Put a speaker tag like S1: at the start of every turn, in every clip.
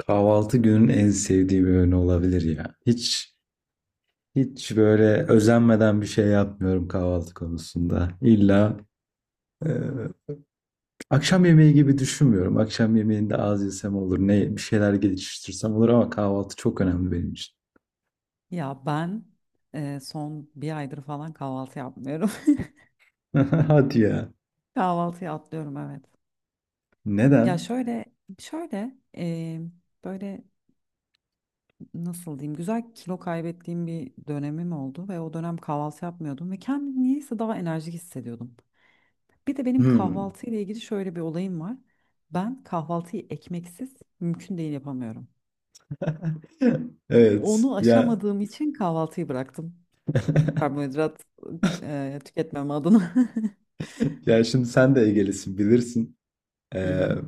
S1: Kahvaltı günün en sevdiği bir öğün olabilir ya. Hiç böyle özenmeden bir şey yapmıyorum kahvaltı konusunda. İlla e, akşam yemeği gibi düşünmüyorum. Akşam yemeğinde az yesem olur, ne bir şeyler geliştirsem olur ama kahvaltı çok önemli benim için.
S2: Ya ben son bir aydır falan kahvaltı yapmıyorum.
S1: Hadi ya.
S2: Kahvaltıyı atlıyorum, evet. Ya
S1: Neden?
S2: şöyle böyle nasıl diyeyim, güzel kilo kaybettiğim bir dönemim oldu ve o dönem kahvaltı yapmıyordum ve kendimi niyeyse daha enerjik hissediyordum. Bir de benim
S1: Hmm.
S2: kahvaltı ile ilgili şöyle bir olayım var. Ben kahvaltıyı ekmeksiz mümkün değil yapamıyorum.
S1: Evet.
S2: Onu
S1: Ya
S2: aşamadığım için kahvaltıyı bıraktım. Karbonhidrat tüketmem adına.
S1: ya şimdi sen de Ege'lisin bilirsin.
S2: Hı
S1: Ee,
S2: hı.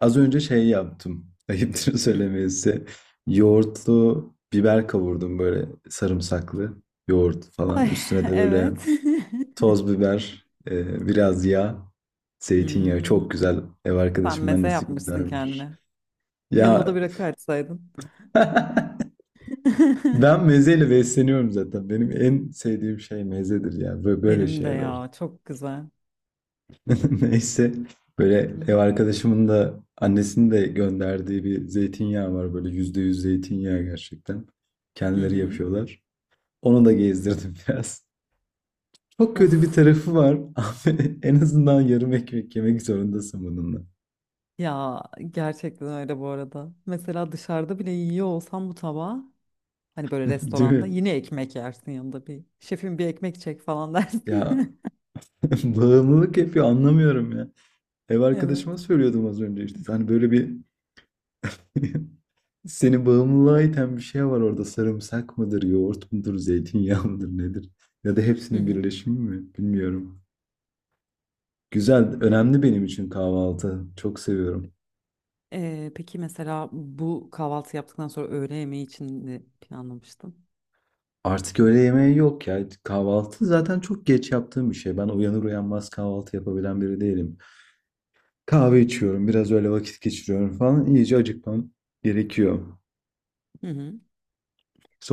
S1: Az önce şey yaptım. Ayıptır
S2: Hı.
S1: söylemesi. Yoğurtlu biber kavurdum böyle sarımsaklı yoğurt falan.
S2: Ay,
S1: Üstüne de böyle
S2: evet.
S1: toz biber, biraz yağ, zeytinyağı. Çok
S2: Hmm,
S1: güzel ev
S2: Sen
S1: arkadaşımın
S2: meze
S1: annesi
S2: yapmışsın
S1: göndermiş.
S2: kendine. Yanına da
S1: Ya
S2: bir rakı açsaydın.
S1: ben mezeyle besleniyorum zaten. Benim en sevdiğim şey mezedir ya. Böyle
S2: Benim de
S1: şeyler.
S2: ya çok güzel.
S1: Neyse böyle
S2: Hı
S1: ev
S2: hı.
S1: arkadaşımın da annesinin de gönderdiği bir zeytinyağı var, böyle %100 zeytinyağı gerçekten.
S2: Hı
S1: Kendileri
S2: hı.
S1: yapıyorlar. Onu da gezdirdim biraz. Çok kötü bir
S2: Uf
S1: tarafı var. Abi, en azından yarım ekmek yemek zorundasın bununla.
S2: ya, gerçekten öyle bu arada. Mesela dışarıda bile yiyor olsam bu tabağı, hani böyle
S1: Değil
S2: restoranda
S1: mi?
S2: yine ekmek yersin yanında, bir şefim bir ekmek çek falan
S1: Ya
S2: dersin.
S1: bağımlılık yapıyor, anlamıyorum ya. Ev
S2: Evet.
S1: arkadaşıma söylüyordum az önce işte. Hani böyle bir... Seni bağımlılığa iten bir şey var orada. Sarımsak mıdır, yoğurt mudur, zeytinyağı mıdır nedir? Ya da
S2: Hı
S1: hepsinin
S2: hı.
S1: birleşimi mi? Bilmiyorum. Güzel, önemli benim için kahvaltı. Çok seviyorum.
S2: Peki mesela bu kahvaltı yaptıktan sonra öğle yemeği için ne planlamıştın?
S1: Artık öğle yemeği yok ya. Kahvaltı zaten çok geç yaptığım bir şey. Ben uyanır uyanmaz kahvaltı yapabilen biri değilim. Kahve içiyorum, biraz öyle vakit geçiriyorum falan. İyice acıkmam gerekiyor.
S2: Hı hı.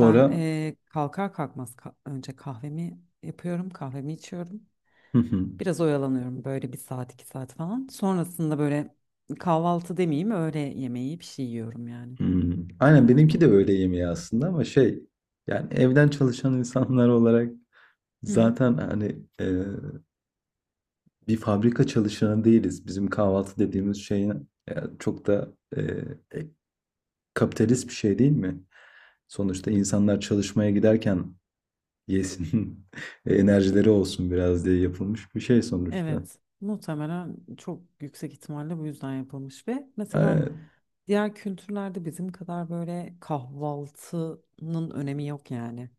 S2: Ben kalkar kalkmaz önce kahvemi yapıyorum, kahvemi içiyorum.
S1: Hı hı.
S2: Biraz oyalanıyorum böyle bir saat iki saat falan. Sonrasında böyle, kahvaltı demeyeyim öğle yemeği, bir şey yiyorum yani
S1: Hmm. Aynen benimki
S2: genelde.
S1: de öğle yemeği aslında ama şey... Yani evden çalışan insanlar olarak
S2: Hı hı.
S1: zaten hani bir fabrika çalışanı değiliz. Bizim kahvaltı dediğimiz şey çok da e, kapitalist bir şey değil mi? Sonuçta insanlar çalışmaya giderken yesin, enerjileri olsun biraz diye yapılmış bir şey sonuçta.
S2: Evet, muhtemelen çok yüksek ihtimalle bu yüzden yapılmış ve mesela
S1: E,
S2: diğer kültürlerde bizim kadar böyle kahvaltının önemi yok yani.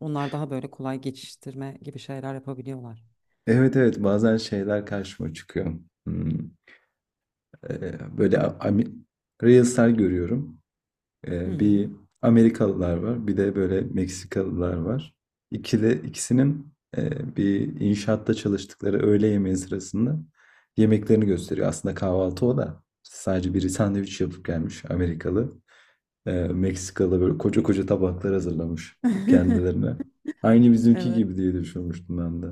S2: Onlar daha böyle kolay geçiştirme gibi şeyler yapabiliyorlar.
S1: evet evet, bazen şeyler karşıma çıkıyor. Hmm, böyle Reels'ler görüyorum.
S2: Hı
S1: Bir
S2: hı.
S1: Amerikalılar var, bir de böyle Meksikalılar var. İkili, ikisinin bir inşaatta çalıştıkları öğle yemeği sırasında yemeklerini gösteriyor. Aslında kahvaltı o da. Sadece biri sandviç yapıp gelmiş Amerikalı. Meksikalı böyle koca koca tabaklar hazırlamış kendilerine. Aynı bizimki
S2: Evet.
S1: gibi diye düşünmüştüm ben de.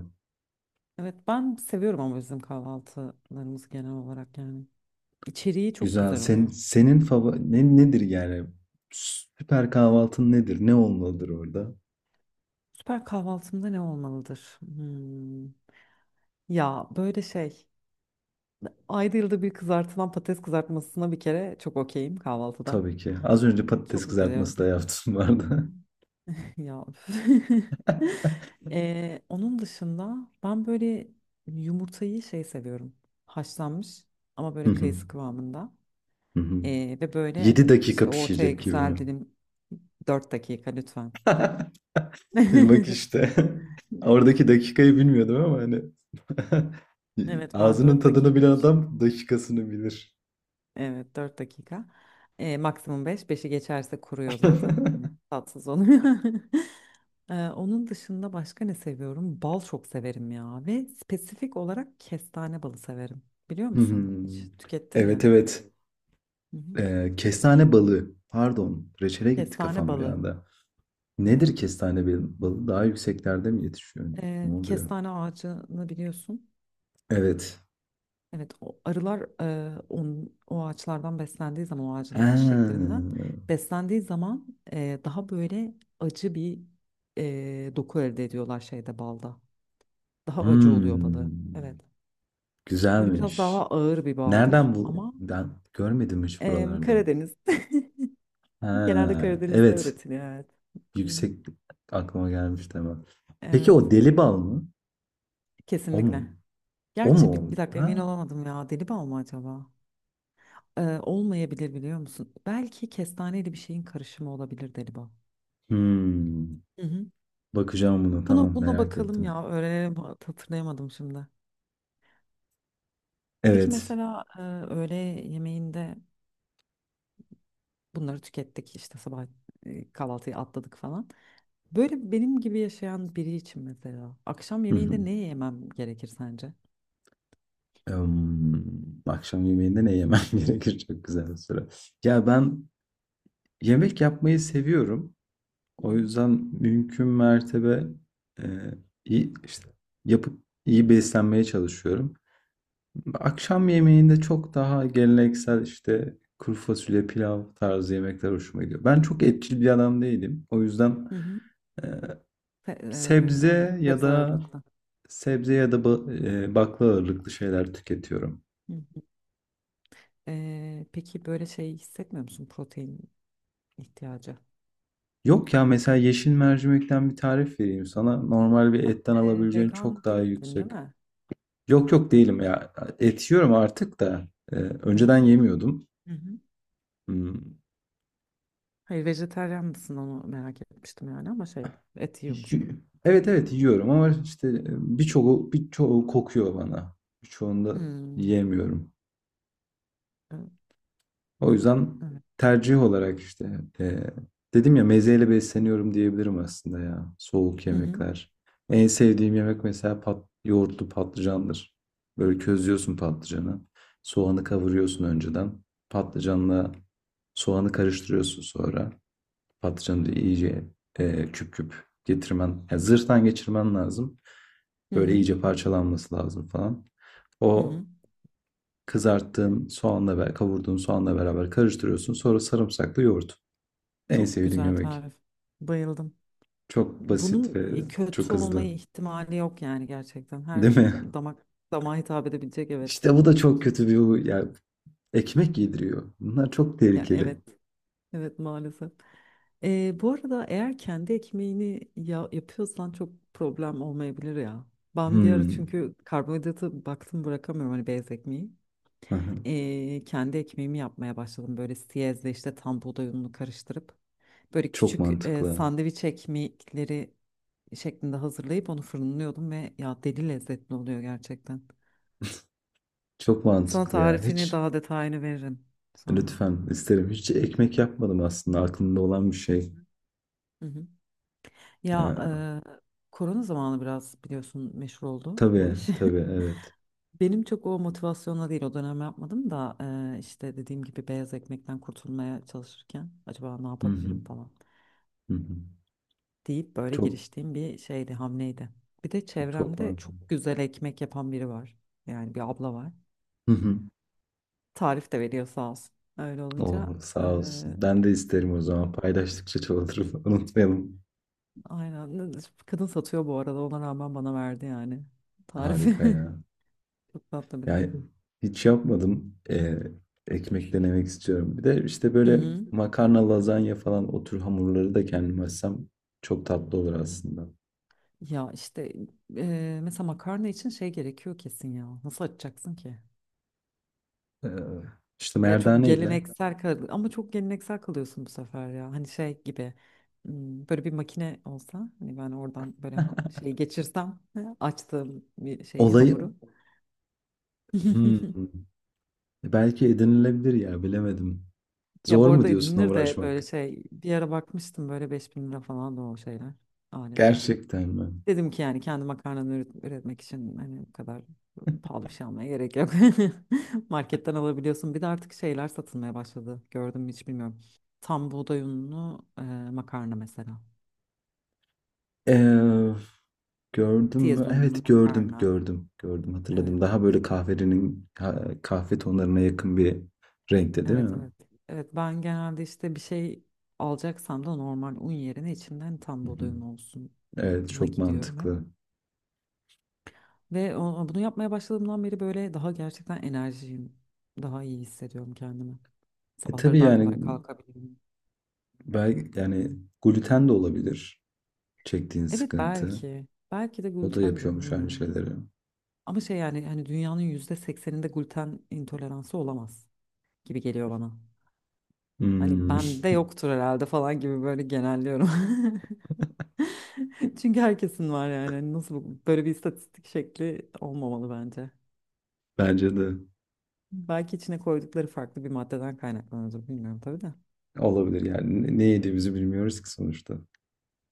S2: Evet, ben seviyorum ama bizim kahvaltılarımız genel olarak yani. İçeriği çok
S1: Güzel.
S2: güzel
S1: Sen,
S2: oluyor.
S1: senin favori nedir yani? Süper kahvaltın nedir? Ne olmalıdır orada?
S2: Süper kahvaltımda ne olmalıdır? Hmm. Ya böyle şey. Ayda yılda bir kızartılan patates kızartmasına bir kere çok okeyim kahvaltıda.
S1: Tabii ki. Az önce patates
S2: Çok mutlu ediyorum.
S1: kızartması da yaptım, vardı.
S2: Ya. Üf. Onun dışında ben böyle yumurtayı şey seviyorum. Haşlanmış ama
S1: Hı
S2: böyle
S1: hı.
S2: kayısı kıvamında.
S1: Hı hı.
S2: Ve böyle
S1: 7 dakika
S2: işte ortaya
S1: pişecek gibi mi?
S2: güzel dilim, 4 dakika lütfen.
S1: Bak işte. Oradaki dakikayı bilmiyordum ama hani
S2: Evet, ben
S1: ağzının
S2: 4
S1: tadını
S2: dakika
S1: bilen
S2: bir şey.
S1: adam dakikasını bilir.
S2: Evet, 4 dakika. Maksimum beş, beşi geçerse kuruyor zaten. Hani tatsız oluyor. Onun dışında başka ne seviyorum? Bal çok severim ya. Ve spesifik olarak kestane balı severim. Biliyor
S1: Hı hı.
S2: musun? Hiç tükettin mi?
S1: Evet evet.
S2: Hı hı.
S1: Kestane balığı. Pardon. Reçele gitti
S2: Kestane
S1: kafam bir
S2: balı.
S1: anda.
S2: Evet.
S1: Nedir kestane balığı? Daha yükseklerde mi yetişiyor? Ne
S2: Ee,
S1: oluyor?
S2: kestane ağacını biliyorsun.
S1: Evet.
S2: Evet, o arılar o ağaçlardan beslendiği zaman o
S1: Ha.
S2: ağacın çiçeklerinden beslendiği zaman daha böyle acı bir doku elde ediyorlar şeyde, balda. Daha acı oluyor balı.
S1: Hmm,
S2: Evet. Böyle biraz daha
S1: Güzelmiş.
S2: ağır bir baldır
S1: Nereden bu,
S2: ama
S1: ben görmedim hiç
S2: e,
S1: buralarda.
S2: Karadeniz genelde
S1: Ha,
S2: Karadeniz'de
S1: evet.
S2: üretiliyor, evet. Hı hı.
S1: Yüksek, aklıma gelmiş, tamam. Peki
S2: Evet,
S1: o deli bal mı? O mu?
S2: kesinlikle.
S1: O mu
S2: Gerçi
S1: o?
S2: bir dakika
S1: Ha.
S2: emin olamadım ya, deli bal mı acaba? Olmayabilir, biliyor musun? Belki kestaneyle bir şeyin karışımı olabilir deli bal.
S1: Hmm.
S2: Hı hı.
S1: Bakacağım buna.
S2: Buna
S1: Tamam,
S2: buna
S1: merak
S2: bakalım
S1: ettim.
S2: ya, öğrenelim, hatırlayamadım şimdi. Peki
S1: Evet.
S2: mesela öğle yemeğinde bunları tükettik işte, sabah kahvaltıyı atladık falan. Böyle benim gibi yaşayan biri için mesela akşam
S1: Hı hı.
S2: yemeğinde ne yemem gerekir sence?
S1: Emm, akşam yemeğinde ne yemem gerekir? Çok güzel bir soru. Ya ben yemek yapmayı seviyorum.
S2: Hı
S1: O
S2: hı.
S1: yüzden mümkün mertebe e, iyi işte yapıp iyi beslenmeye çalışıyorum. Akşam yemeğinde çok daha geleneksel işte kuru fasulye, pilav tarzı yemekler hoşuma gidiyor. Ben çok etçil bir adam değilim. O yüzden
S2: Hı hı.
S1: e,
S2: Se-
S1: sebze
S2: anladım.
S1: ya
S2: Sebze
S1: da
S2: ağırlıklı.
S1: sebze ya da bakla ağırlıklı şeyler tüketiyorum.
S2: Hı hı. Peki böyle şey hissetmiyor musun, protein ihtiyacı?
S1: Yok ya, mesela yeşil mercimekten bir tarif vereyim sana. Normal bir etten
S2: Ee,
S1: alabileceğin
S2: vegan
S1: çok daha
S2: değildin
S1: yüksek...
S2: değil mi?
S1: Yok yok, değilim ya. Et yiyorum artık da. Ee,
S2: Hı hı.
S1: önceden yemiyordum.
S2: Hı hı.
S1: Hmm.
S2: Hayır, vejetaryen mısın, onu merak etmiştim yani ama şey, et yiyor musun?
S1: Y- Evet evet yiyorum ama işte birçoğu kokuyor bana. Birçoğunda
S2: Hmm.
S1: yiyemiyorum.
S2: e-
S1: O yüzden
S2: Evet.
S1: tercih olarak işte dedim ya mezeyle besleniyorum diyebilirim aslında ya. Soğuk
S2: Hı hı.
S1: yemekler. En sevdiğim yemek mesela yoğurtlu patlıcandır. Böyle közlüyorsun patlıcanı. Soğanı kavuruyorsun önceden. Patlıcanla soğanı karıştırıyorsun sonra. Patlıcanı da iyice küp küp getirmen, yani zırhtan geçirmen lazım.
S2: Hı
S1: Böyle
S2: hı.
S1: iyice parçalanması lazım falan.
S2: Hı
S1: O
S2: hı.
S1: kızarttığın soğanla ve kavurduğun soğanla beraber karıştırıyorsun. Sonra sarımsaklı yoğurt. En
S2: Çok
S1: sevdiğim
S2: güzel
S1: yemek.
S2: tarif. Bayıldım.
S1: Çok basit
S2: Bunun
S1: ve çok
S2: kötü olma
S1: hızlı.
S2: ihtimali yok yani gerçekten. Her
S1: Değil mi?
S2: damak damağa hitap edebilecek, evet.
S1: İşte bu da çok kötü bir huy ya, ekmek yediriyor. Bunlar çok
S2: Ya
S1: tehlikeli.
S2: evet. Evet, maalesef. Bu arada eğer kendi ekmeğini ya yapıyorsan çok problem olmayabilir ya. Ben bir ara
S1: Hmm.
S2: çünkü karbonhidratı baktım bırakamıyorum hani beyaz ekmeği. Kendi ekmeğimi yapmaya başladım böyle siyezle işte tam buğday ununu karıştırıp böyle
S1: Çok
S2: küçük
S1: mantıklı.
S2: sandviç ekmekleri şeklinde hazırlayıp onu fırınlıyordum ve ya deli lezzetli oluyor gerçekten.
S1: Çok
S2: Sana
S1: mantıklı ya.
S2: tarifini,
S1: Hiç...
S2: daha detayını veririm sonra.
S1: Lütfen isterim. Hiç ekmek yapmadım, aslında aklımda olan bir şey.
S2: Hı hı. Ya
S1: Ya,
S2: korona zamanı biraz biliyorsun, meşhur oldu bu
S1: tabii
S2: iş.
S1: tabii evet.
S2: Benim çok o motivasyonla değil o dönem yapmadım da işte dediğim gibi beyaz ekmekten kurtulmaya çalışırken acaba ne
S1: Hı hı,
S2: yapabilirim falan
S1: hı hı.
S2: deyip böyle
S1: Çok
S2: giriştiğim bir şeydi, hamleydi. Bir de
S1: çok var.
S2: çevremde çok güzel ekmek yapan biri var. Yani bir abla var.
S1: Hı hı.
S2: Tarif de veriyor, sağ olsun. Öyle olunca
S1: Oh, sağ
S2: eee,
S1: olsun. Ben de isterim o zaman. Paylaştıkça çoğalır. Unutmayalım.
S2: aynen, kadın satıyor bu arada, ona rağmen bana verdi yani tarifi.
S1: Harika ya.
S2: Çok tatlı biri.
S1: Yani hiç yapmadım. Ekmek denemek istiyorum. Bir de işte
S2: Hı
S1: böyle
S2: hı.
S1: makarna, lazanya falan, o tür hamurları da kendim açsam çok tatlı olur aslında.
S2: Ya işte mesela makarna için şey gerekiyor kesin ya. Nasıl açacaksın ki?
S1: Ee, işte
S2: Ya çok
S1: merdane ile.
S2: geleneksel kal ama çok geleneksel kalıyorsun bu sefer ya. Hani şey gibi, böyle bir makine olsa hani ben oradan böyle şey geçirsem, ha, açtığım bir şeyi,
S1: Olayı...
S2: hamuru.
S1: Hmm. Belki edinilebilir ya, bilemedim.
S2: Ya
S1: Zor
S2: bu
S1: mu
S2: arada
S1: diyorsun
S2: edinilir de böyle
S1: uğraşmak?
S2: şey, bir ara bakmıştım böyle 5000 lira falan da o şeyler, aletler.
S1: Gerçekten mi?
S2: Dedim ki yani kendi makarnamı üretmek için hani bu kadar pahalı bir şey almaya gerek yok. Marketten alabiliyorsun. Bir de artık şeyler satılmaya başladı. Gördüm mü hiç bilmiyorum. Tam buğday unlu makarna mesela.
S1: Ee, gördüm mü?
S2: Tiyaz unlu
S1: Evet, gördüm
S2: makarna.
S1: gördüm gördüm,
S2: Evet,
S1: hatırladım. Daha böyle kahve tonlarına yakın bir renkte değil
S2: evet,
S1: mi?
S2: evet. Evet, ben genelde işte bir şey alacaksam da normal un yerine içinden tam
S1: Hı hı.
S2: buğday unu
S1: Evet,
S2: olsun'a
S1: çok
S2: gidiyorum hep.
S1: mantıklı.
S2: Ve bunu yapmaya başladığımdan beri böyle daha gerçekten enerjiyim. Daha iyi hissediyorum kendimi.
S1: Tabii
S2: Sabahları daha
S1: yani,
S2: kolay kalkabilirim.
S1: belki yani gluten de olabilir çektiğin
S2: Evet
S1: sıkıntı.
S2: belki. Belki de
S1: O da
S2: glutendir,
S1: yapıyormuş aynı
S2: bilmiyorum.
S1: şeyleri.
S2: Ama şey yani hani dünyanın %80'inde gluten intoleransı olamaz gibi geliyor bana. Hani
S1: Hmm,
S2: bende yoktur herhalde falan gibi böyle genelliyorum. Çünkü herkesin var yani. Hani nasıl böyle bir istatistik şekli olmamalı bence.
S1: bence de
S2: Belki içine koydukları farklı bir maddeden kaynaklanıyordur, bilmiyorum tabii de.
S1: olabilir yani, ne yediğimizi bilmiyoruz ki sonuçta.